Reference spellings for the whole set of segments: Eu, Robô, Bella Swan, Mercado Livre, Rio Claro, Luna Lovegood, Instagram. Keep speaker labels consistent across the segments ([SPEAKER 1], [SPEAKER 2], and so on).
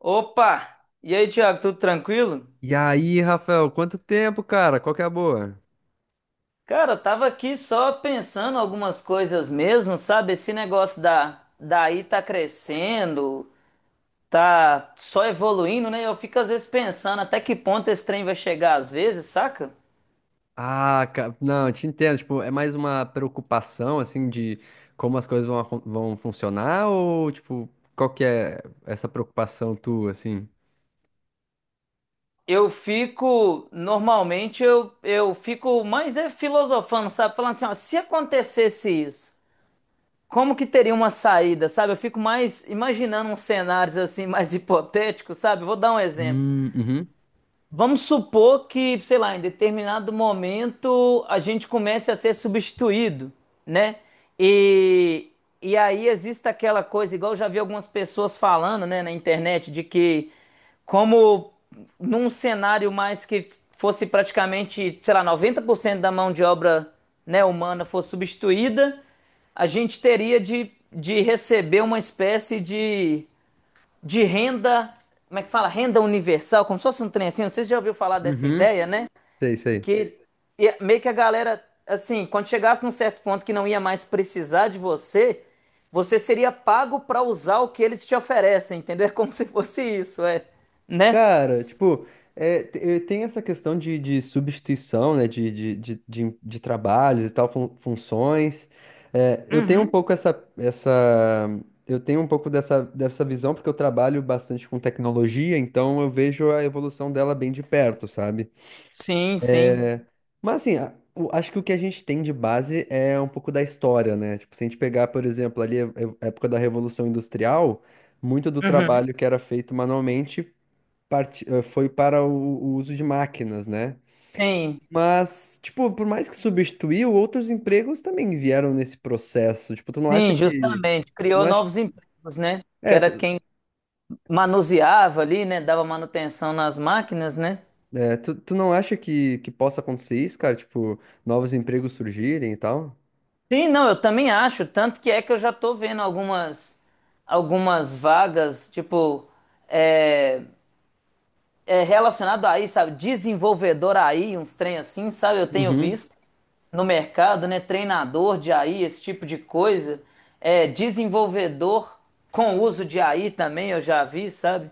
[SPEAKER 1] Opa! E aí, Thiago, tudo tranquilo?
[SPEAKER 2] E aí, Rafael, quanto tempo, cara? Qual que é a boa?
[SPEAKER 1] Cara, eu tava aqui só pensando algumas coisas mesmo, sabe? Esse negócio da daí tá crescendo, tá só evoluindo, né? Eu fico às vezes pensando até que ponto esse trem vai chegar às vezes, saca?
[SPEAKER 2] Ah, cara, não, eu te entendo. Tipo, é mais uma preocupação, assim, de como as coisas vão, vão funcionar ou, tipo, qual que é essa preocupação tua, assim?
[SPEAKER 1] Eu fico, normalmente eu fico mais é filosofando, sabe? Falando assim, ó, se acontecesse isso, como que teria uma saída, sabe? Eu fico mais imaginando uns cenários assim mais hipotéticos, sabe? Vou dar um exemplo.
[SPEAKER 2] Uhum,
[SPEAKER 1] Vamos supor que, sei lá, em determinado momento a gente comece a ser substituído, né? E, e aí existe aquela coisa, igual eu já vi algumas pessoas falando, né, na internet, de que como num cenário mais que fosse praticamente, sei lá, 90% da mão de obra, né, humana fosse substituída, a gente teria de receber uma espécie de renda, como é que fala? Renda universal, como se fosse um trem assim, não sei se você já ouviu falar dessa
[SPEAKER 2] uhum.
[SPEAKER 1] ideia, né?
[SPEAKER 2] Sei, sei.
[SPEAKER 1] Que é meio que a galera, assim, quando chegasse num certo ponto que não ia mais precisar de você, você seria pago para usar o que eles te oferecem, entendeu? É como se fosse isso, é, né?
[SPEAKER 2] Cara, tipo, tem essa questão de substituição, né, de trabalhos e tal, funções. É, eu tenho um pouco essa, essa, eu tenho um pouco dessa, dessa visão, porque eu trabalho bastante com tecnologia, então eu vejo a evolução dela bem de perto, sabe?
[SPEAKER 1] Sim, sim.
[SPEAKER 2] Mas assim, acho que o que a gente tem de base é um pouco da história, né? Tipo, se a gente pegar, por exemplo, ali a época da Revolução Industrial, muito do
[SPEAKER 1] Uhum.
[SPEAKER 2] trabalho que era feito manualmente foi para o uso de máquinas, né?
[SPEAKER 1] Sim,
[SPEAKER 2] Mas, tipo, por mais que substituiu, outros empregos também vieram nesse processo. Tipo, tu não acha
[SPEAKER 1] sim,
[SPEAKER 2] que.
[SPEAKER 1] justamente.
[SPEAKER 2] Tu
[SPEAKER 1] Criou
[SPEAKER 2] não acha...
[SPEAKER 1] novos empregos, né? Que
[SPEAKER 2] É,
[SPEAKER 1] era
[SPEAKER 2] tu,
[SPEAKER 1] quem manuseava ali, né? Dava manutenção nas máquinas, né?
[SPEAKER 2] tu não acha que possa acontecer isso, cara? Tipo, novos empregos surgirem e tal?
[SPEAKER 1] Sim, não, eu também acho, tanto que é que eu já tô vendo algumas algumas vagas, tipo, é, é relacionado a aí, sabe, desenvolvedor aí, uns trem assim, sabe, eu tenho
[SPEAKER 2] Uhum,
[SPEAKER 1] visto no mercado, né, treinador de AI, esse tipo de coisa, é desenvolvedor com uso de AI também, eu já vi, sabe?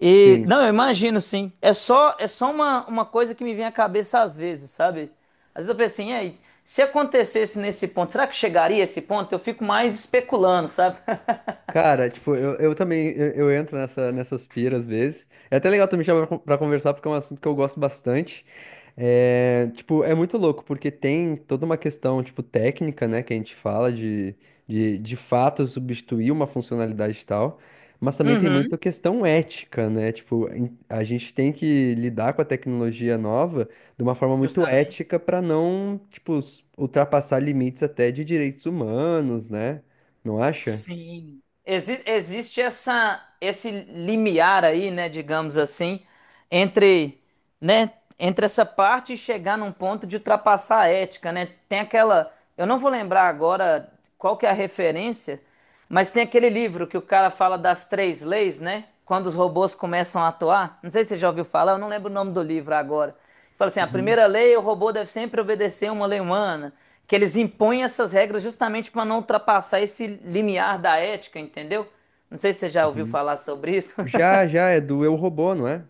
[SPEAKER 1] E
[SPEAKER 2] sim.
[SPEAKER 1] não, eu imagino sim. É só uma coisa que me vem à cabeça às vezes, sabe? Às vezes eu penso assim, e aí, se acontecesse nesse ponto, será que chegaria a esse ponto? Eu fico mais especulando, sabe?
[SPEAKER 2] Cara, tipo, eu entro nessas piras às vezes. É até legal tu me chamar pra conversar, porque é um assunto que eu gosto bastante. É, tipo, é muito louco, porque tem toda uma questão, tipo, técnica, né, que a gente fala de fato substituir uma funcionalidade e tal, mas também tem muita
[SPEAKER 1] Uhum.
[SPEAKER 2] questão ética, né, tipo, a gente tem que lidar com a tecnologia nova de uma forma muito
[SPEAKER 1] Justamente.
[SPEAKER 2] ética para não, tipo, ultrapassar limites até de direitos humanos, né, não acha?
[SPEAKER 1] Sim. Existe essa esse limiar aí, né, digamos assim, entre né, entre essa parte e chegar num ponto de ultrapassar a ética, né? Tem aquela, eu não vou lembrar agora qual que é a referência, mas tem aquele livro que o cara fala das três leis, né? Quando os robôs começam a atuar. Não sei se você já ouviu falar, eu não lembro o nome do livro agora. Fala assim, a primeira lei, o robô deve sempre obedecer uma lei humana, que eles impõem essas regras justamente para não ultrapassar esse limiar da ética, entendeu? Não sei se você já ouviu
[SPEAKER 2] Uhum.
[SPEAKER 1] falar sobre isso.
[SPEAKER 2] Já, já, é do Eu, Robô, não é?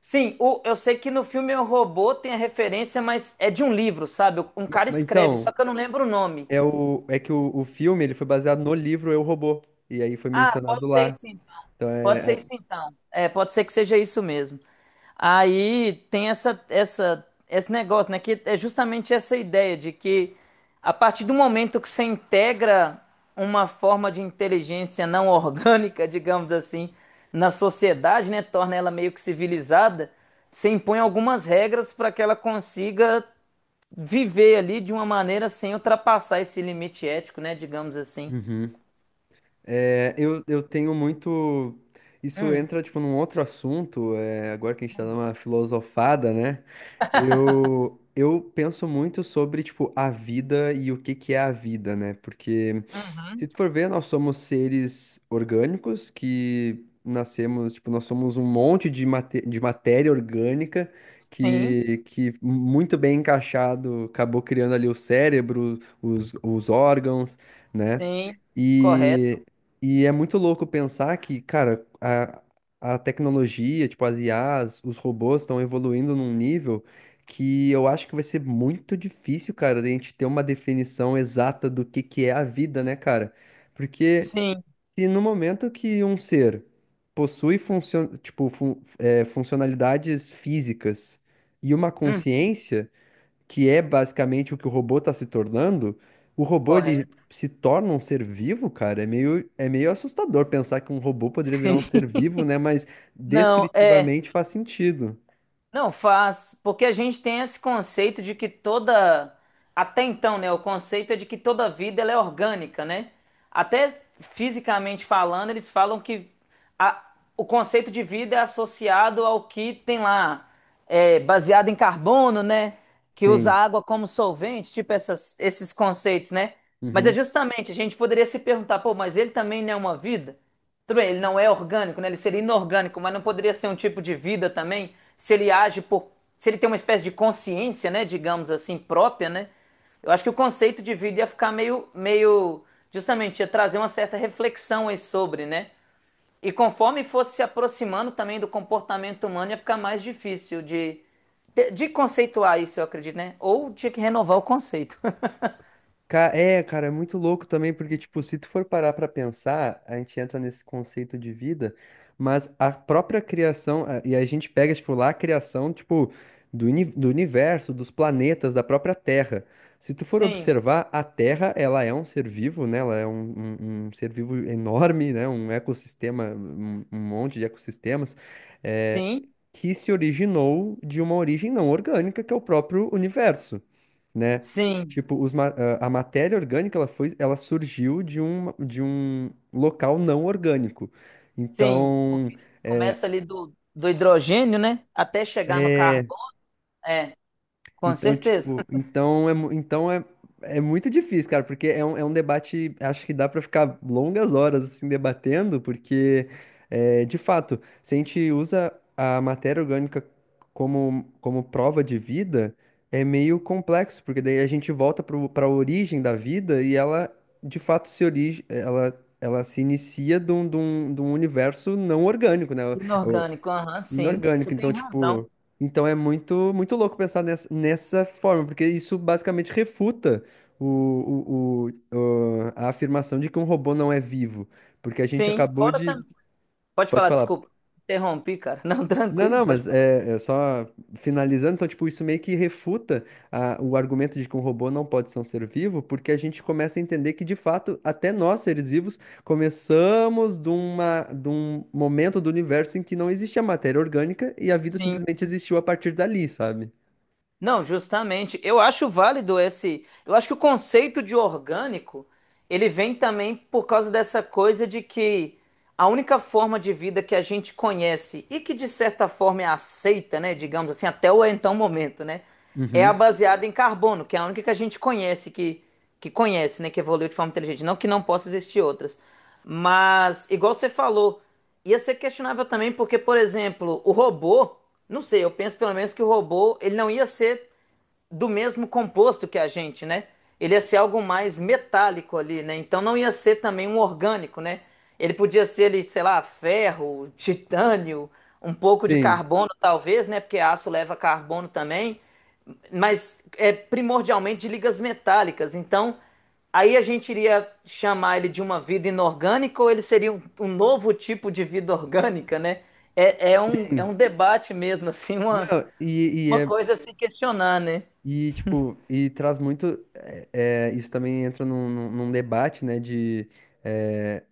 [SPEAKER 1] Sim, eu sei que no filme O Robô tem a referência, mas é de um livro, sabe? Um cara
[SPEAKER 2] Mas
[SPEAKER 1] escreve, só
[SPEAKER 2] então,
[SPEAKER 1] que eu não lembro o nome.
[SPEAKER 2] é que o filme ele foi baseado no livro Eu, Robô, e aí foi
[SPEAKER 1] Ah,
[SPEAKER 2] mencionado
[SPEAKER 1] pode ser
[SPEAKER 2] lá.
[SPEAKER 1] isso,
[SPEAKER 2] Então
[SPEAKER 1] pode ser isso então. É, pode ser que seja isso mesmo. Aí tem essa, essa, esse negócio, né? Que é justamente essa ideia de que a partir do momento que você integra uma forma de inteligência não orgânica, digamos assim, na sociedade, né? Torna ela meio que civilizada, você impõe algumas regras para que ela consiga viver ali de uma maneira sem ultrapassar esse limite ético, né? Digamos assim.
[SPEAKER 2] Uhum. Eu tenho muito. Isso entra, tipo, num outro assunto, é, agora que a gente tá dando uma filosofada, né? Eu penso muito sobre, tipo, a vida e o que que é a vida, né? Porque se
[SPEAKER 1] Uhum.
[SPEAKER 2] tu for ver, nós somos seres orgânicos que nascemos, tipo, nós somos um monte de, de matéria orgânica
[SPEAKER 1] Sim,
[SPEAKER 2] que muito bem encaixado acabou criando ali o cérebro, os órgãos, né?
[SPEAKER 1] sim, correto.
[SPEAKER 2] E, e é muito louco pensar que, cara, a tecnologia, tipo, as IAs, os robôs estão evoluindo num nível que eu acho que vai ser muito difícil, cara, de a gente ter uma definição exata do que é a vida, né, cara? Porque
[SPEAKER 1] Sim,
[SPEAKER 2] se no momento que um ser possui funcionalidades físicas e uma
[SPEAKER 1] hum,
[SPEAKER 2] consciência, que é basicamente o que o robô está se tornando, o robô ele
[SPEAKER 1] correto.
[SPEAKER 2] se torna um ser vivo, cara. É meio assustador pensar que um robô poderia virar um ser vivo, né? Mas
[SPEAKER 1] Não, é.
[SPEAKER 2] descritivamente faz sentido.
[SPEAKER 1] Não faz, porque a gente tem esse conceito de que toda, até então, né, o conceito é de que toda vida ela é orgânica, né? Até fisicamente falando, eles falam que a- o conceito de vida é associado ao que tem lá, é, baseado em carbono, né? Que usa
[SPEAKER 2] Sim.
[SPEAKER 1] água como solvente, tipo esses conceitos, né? Mas é
[SPEAKER 2] Uhum.
[SPEAKER 1] justamente, a gente poderia se perguntar, pô, mas ele também não é uma vida? Tudo bem, ele não é orgânico, né? Ele seria inorgânico, mas não poderia ser um tipo de vida também, se ele age por, se ele tem uma espécie de consciência, né, digamos assim, própria, né? Eu acho que o conceito de vida ia ficar meio, meio, justamente, ia trazer uma certa reflexão aí sobre, né? E conforme fosse se aproximando também do comportamento humano, ia ficar mais difícil de conceituar isso, eu acredito, né? Ou tinha que renovar o conceito.
[SPEAKER 2] É, cara, é muito louco também, porque, tipo, se tu for parar pra pensar, a gente entra nesse conceito de vida, mas a própria criação, e a gente pega, tipo, lá a criação, tipo, do universo, dos planetas, da própria Terra. Se tu for
[SPEAKER 1] Sim,
[SPEAKER 2] observar, a Terra, ela é um ser vivo, né? Ela é um ser vivo enorme, né? Um ecossistema, um monte de ecossistemas, é,
[SPEAKER 1] sim,
[SPEAKER 2] que se originou de uma origem não orgânica, que é o próprio universo, né?
[SPEAKER 1] sim.
[SPEAKER 2] Tipo, os a matéria orgânica, ela foi, ela surgiu de um local não orgânico.
[SPEAKER 1] Sim,
[SPEAKER 2] Então,
[SPEAKER 1] porque começa ali do, do hidrogênio, né? Até chegar no carbono. É, com
[SPEAKER 2] então,
[SPEAKER 1] certeza.
[SPEAKER 2] tipo, então é, é muito difícil, cara, porque é um debate, acho que dá pra ficar longas horas assim debatendo, porque é, de fato, se a gente usa a matéria orgânica como, como prova de vida, é meio complexo, porque daí a gente volta para a origem da vida e ela de fato se origi ela, ela se inicia de um universo não orgânico, né?
[SPEAKER 1] Inorgânico, aham, sim. Você
[SPEAKER 2] Inorgânico, então,
[SPEAKER 1] tem razão.
[SPEAKER 2] tipo. Então é muito, muito louco pensar nessa, nessa forma, porque isso basicamente refuta a afirmação de que um robô não é vivo. Porque a gente
[SPEAKER 1] Sim,
[SPEAKER 2] acabou
[SPEAKER 1] fora
[SPEAKER 2] de.
[SPEAKER 1] também. Pode
[SPEAKER 2] Pode
[SPEAKER 1] falar,
[SPEAKER 2] falar,
[SPEAKER 1] desculpa. Interrompi, cara. Não,
[SPEAKER 2] não,
[SPEAKER 1] tranquilo,
[SPEAKER 2] não,
[SPEAKER 1] pode
[SPEAKER 2] mas
[SPEAKER 1] falar.
[SPEAKER 2] é, é só finalizando, então, tipo, isso meio que refuta o argumento de que um robô não pode ser um ser vivo, porque a gente começa a entender que, de fato, até nós, seres vivos, começamos de uma, de um momento do universo em que não existia matéria orgânica e a vida
[SPEAKER 1] Sim.
[SPEAKER 2] simplesmente existiu a partir dali, sabe?
[SPEAKER 1] Não, justamente. Eu acho válido esse. Eu acho que o conceito de orgânico ele vem também por causa dessa coisa de que a única forma de vida que a gente conhece e que de certa forma é aceita, né, digamos assim, até o então momento, né, é a
[SPEAKER 2] Uhum.
[SPEAKER 1] baseada em carbono, que é a única que a gente conhece que conhece, né, que evoluiu de forma inteligente. Não que não possa existir outras, mas igual você falou, ia ser questionável também porque, por exemplo, o robô, não sei, eu penso pelo menos que o robô, ele não ia ser do mesmo composto que a gente, né? Ele ia ser algo mais metálico ali, né? Então não ia ser também um orgânico, né? Ele podia ser ali, sei lá, ferro, titânio, um pouco de
[SPEAKER 2] Sim.
[SPEAKER 1] carbono talvez, né? Porque aço leva carbono também, mas é primordialmente de ligas metálicas. Então aí a gente iria chamar ele de uma vida inorgânica ou ele seria um novo tipo de vida orgânica, né? É, é um, é
[SPEAKER 2] Sim.
[SPEAKER 1] um debate mesmo, assim,
[SPEAKER 2] Não, e
[SPEAKER 1] uma
[SPEAKER 2] é.
[SPEAKER 1] coisa a se questionar, né?
[SPEAKER 2] E, tipo, e traz muito. Isso também entra num num debate, né? De. eh,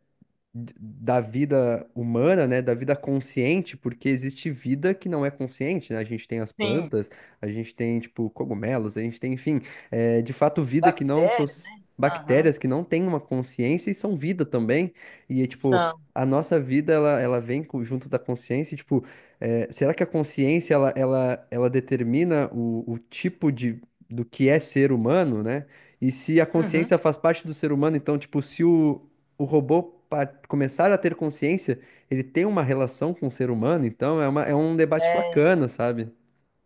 [SPEAKER 2] da vida humana, né, da vida consciente, porque existe vida que não é consciente, né? A gente tem as
[SPEAKER 1] Sim,
[SPEAKER 2] plantas, a gente tem, tipo, cogumelos, a gente tem, enfim, é, de fato, vida que não
[SPEAKER 1] bactérias,
[SPEAKER 2] possui.
[SPEAKER 1] né? Aham,
[SPEAKER 2] Bactérias que não têm uma consciência e são vida também. E, é, tipo,
[SPEAKER 1] são.
[SPEAKER 2] a nossa vida, ela vem junto da consciência. E, tipo, é, será que a consciência, ela determina o tipo de, do que é ser humano, né? E se a
[SPEAKER 1] Uhum.
[SPEAKER 2] consciência faz parte do ser humano, então, tipo, se o robô, para começar a ter consciência, ele tem uma relação com o ser humano, então é, uma, é um debate bacana, sabe?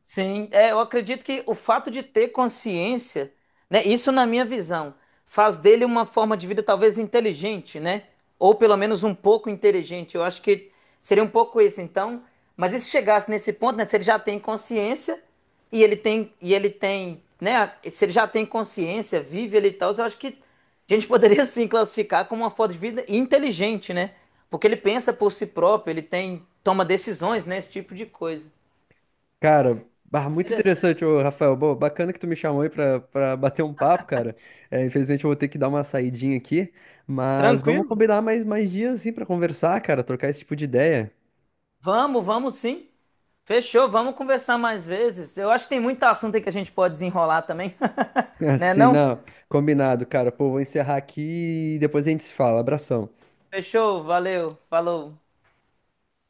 [SPEAKER 1] Sim, é, eu acredito que o fato de ter consciência, né, isso na minha visão, faz dele uma forma de vida talvez inteligente, né? Ou pelo menos um pouco inteligente. Eu acho que seria um pouco isso, então. Mas e se chegasse nesse ponto, né, se ele já tem consciência e ele tem, né, se ele já tem consciência, vive ele e tal, eu acho que a gente poderia sim classificar como uma forma de vida inteligente, né? Porque ele pensa por si próprio, ele tem, toma decisões, né, esse tipo de coisa.
[SPEAKER 2] Cara, bah, muito
[SPEAKER 1] Interessante.
[SPEAKER 2] interessante, ô, Rafael. Boa, bacana que tu me chamou aí pra bater um papo, cara. É, infelizmente eu vou ter que dar uma saidinha aqui, mas vamos
[SPEAKER 1] Tranquilo?
[SPEAKER 2] combinar mais dias, assim, pra conversar, cara, trocar esse tipo de ideia.
[SPEAKER 1] Vamos, vamos sim. Fechou, vamos conversar mais vezes. Eu acho que tem muito assunto aí que a gente pode desenrolar também. Né
[SPEAKER 2] Assim,
[SPEAKER 1] não?
[SPEAKER 2] não, combinado, cara. Pô, vou encerrar aqui e depois a gente se fala. Abração.
[SPEAKER 1] Fechou, valeu, falou.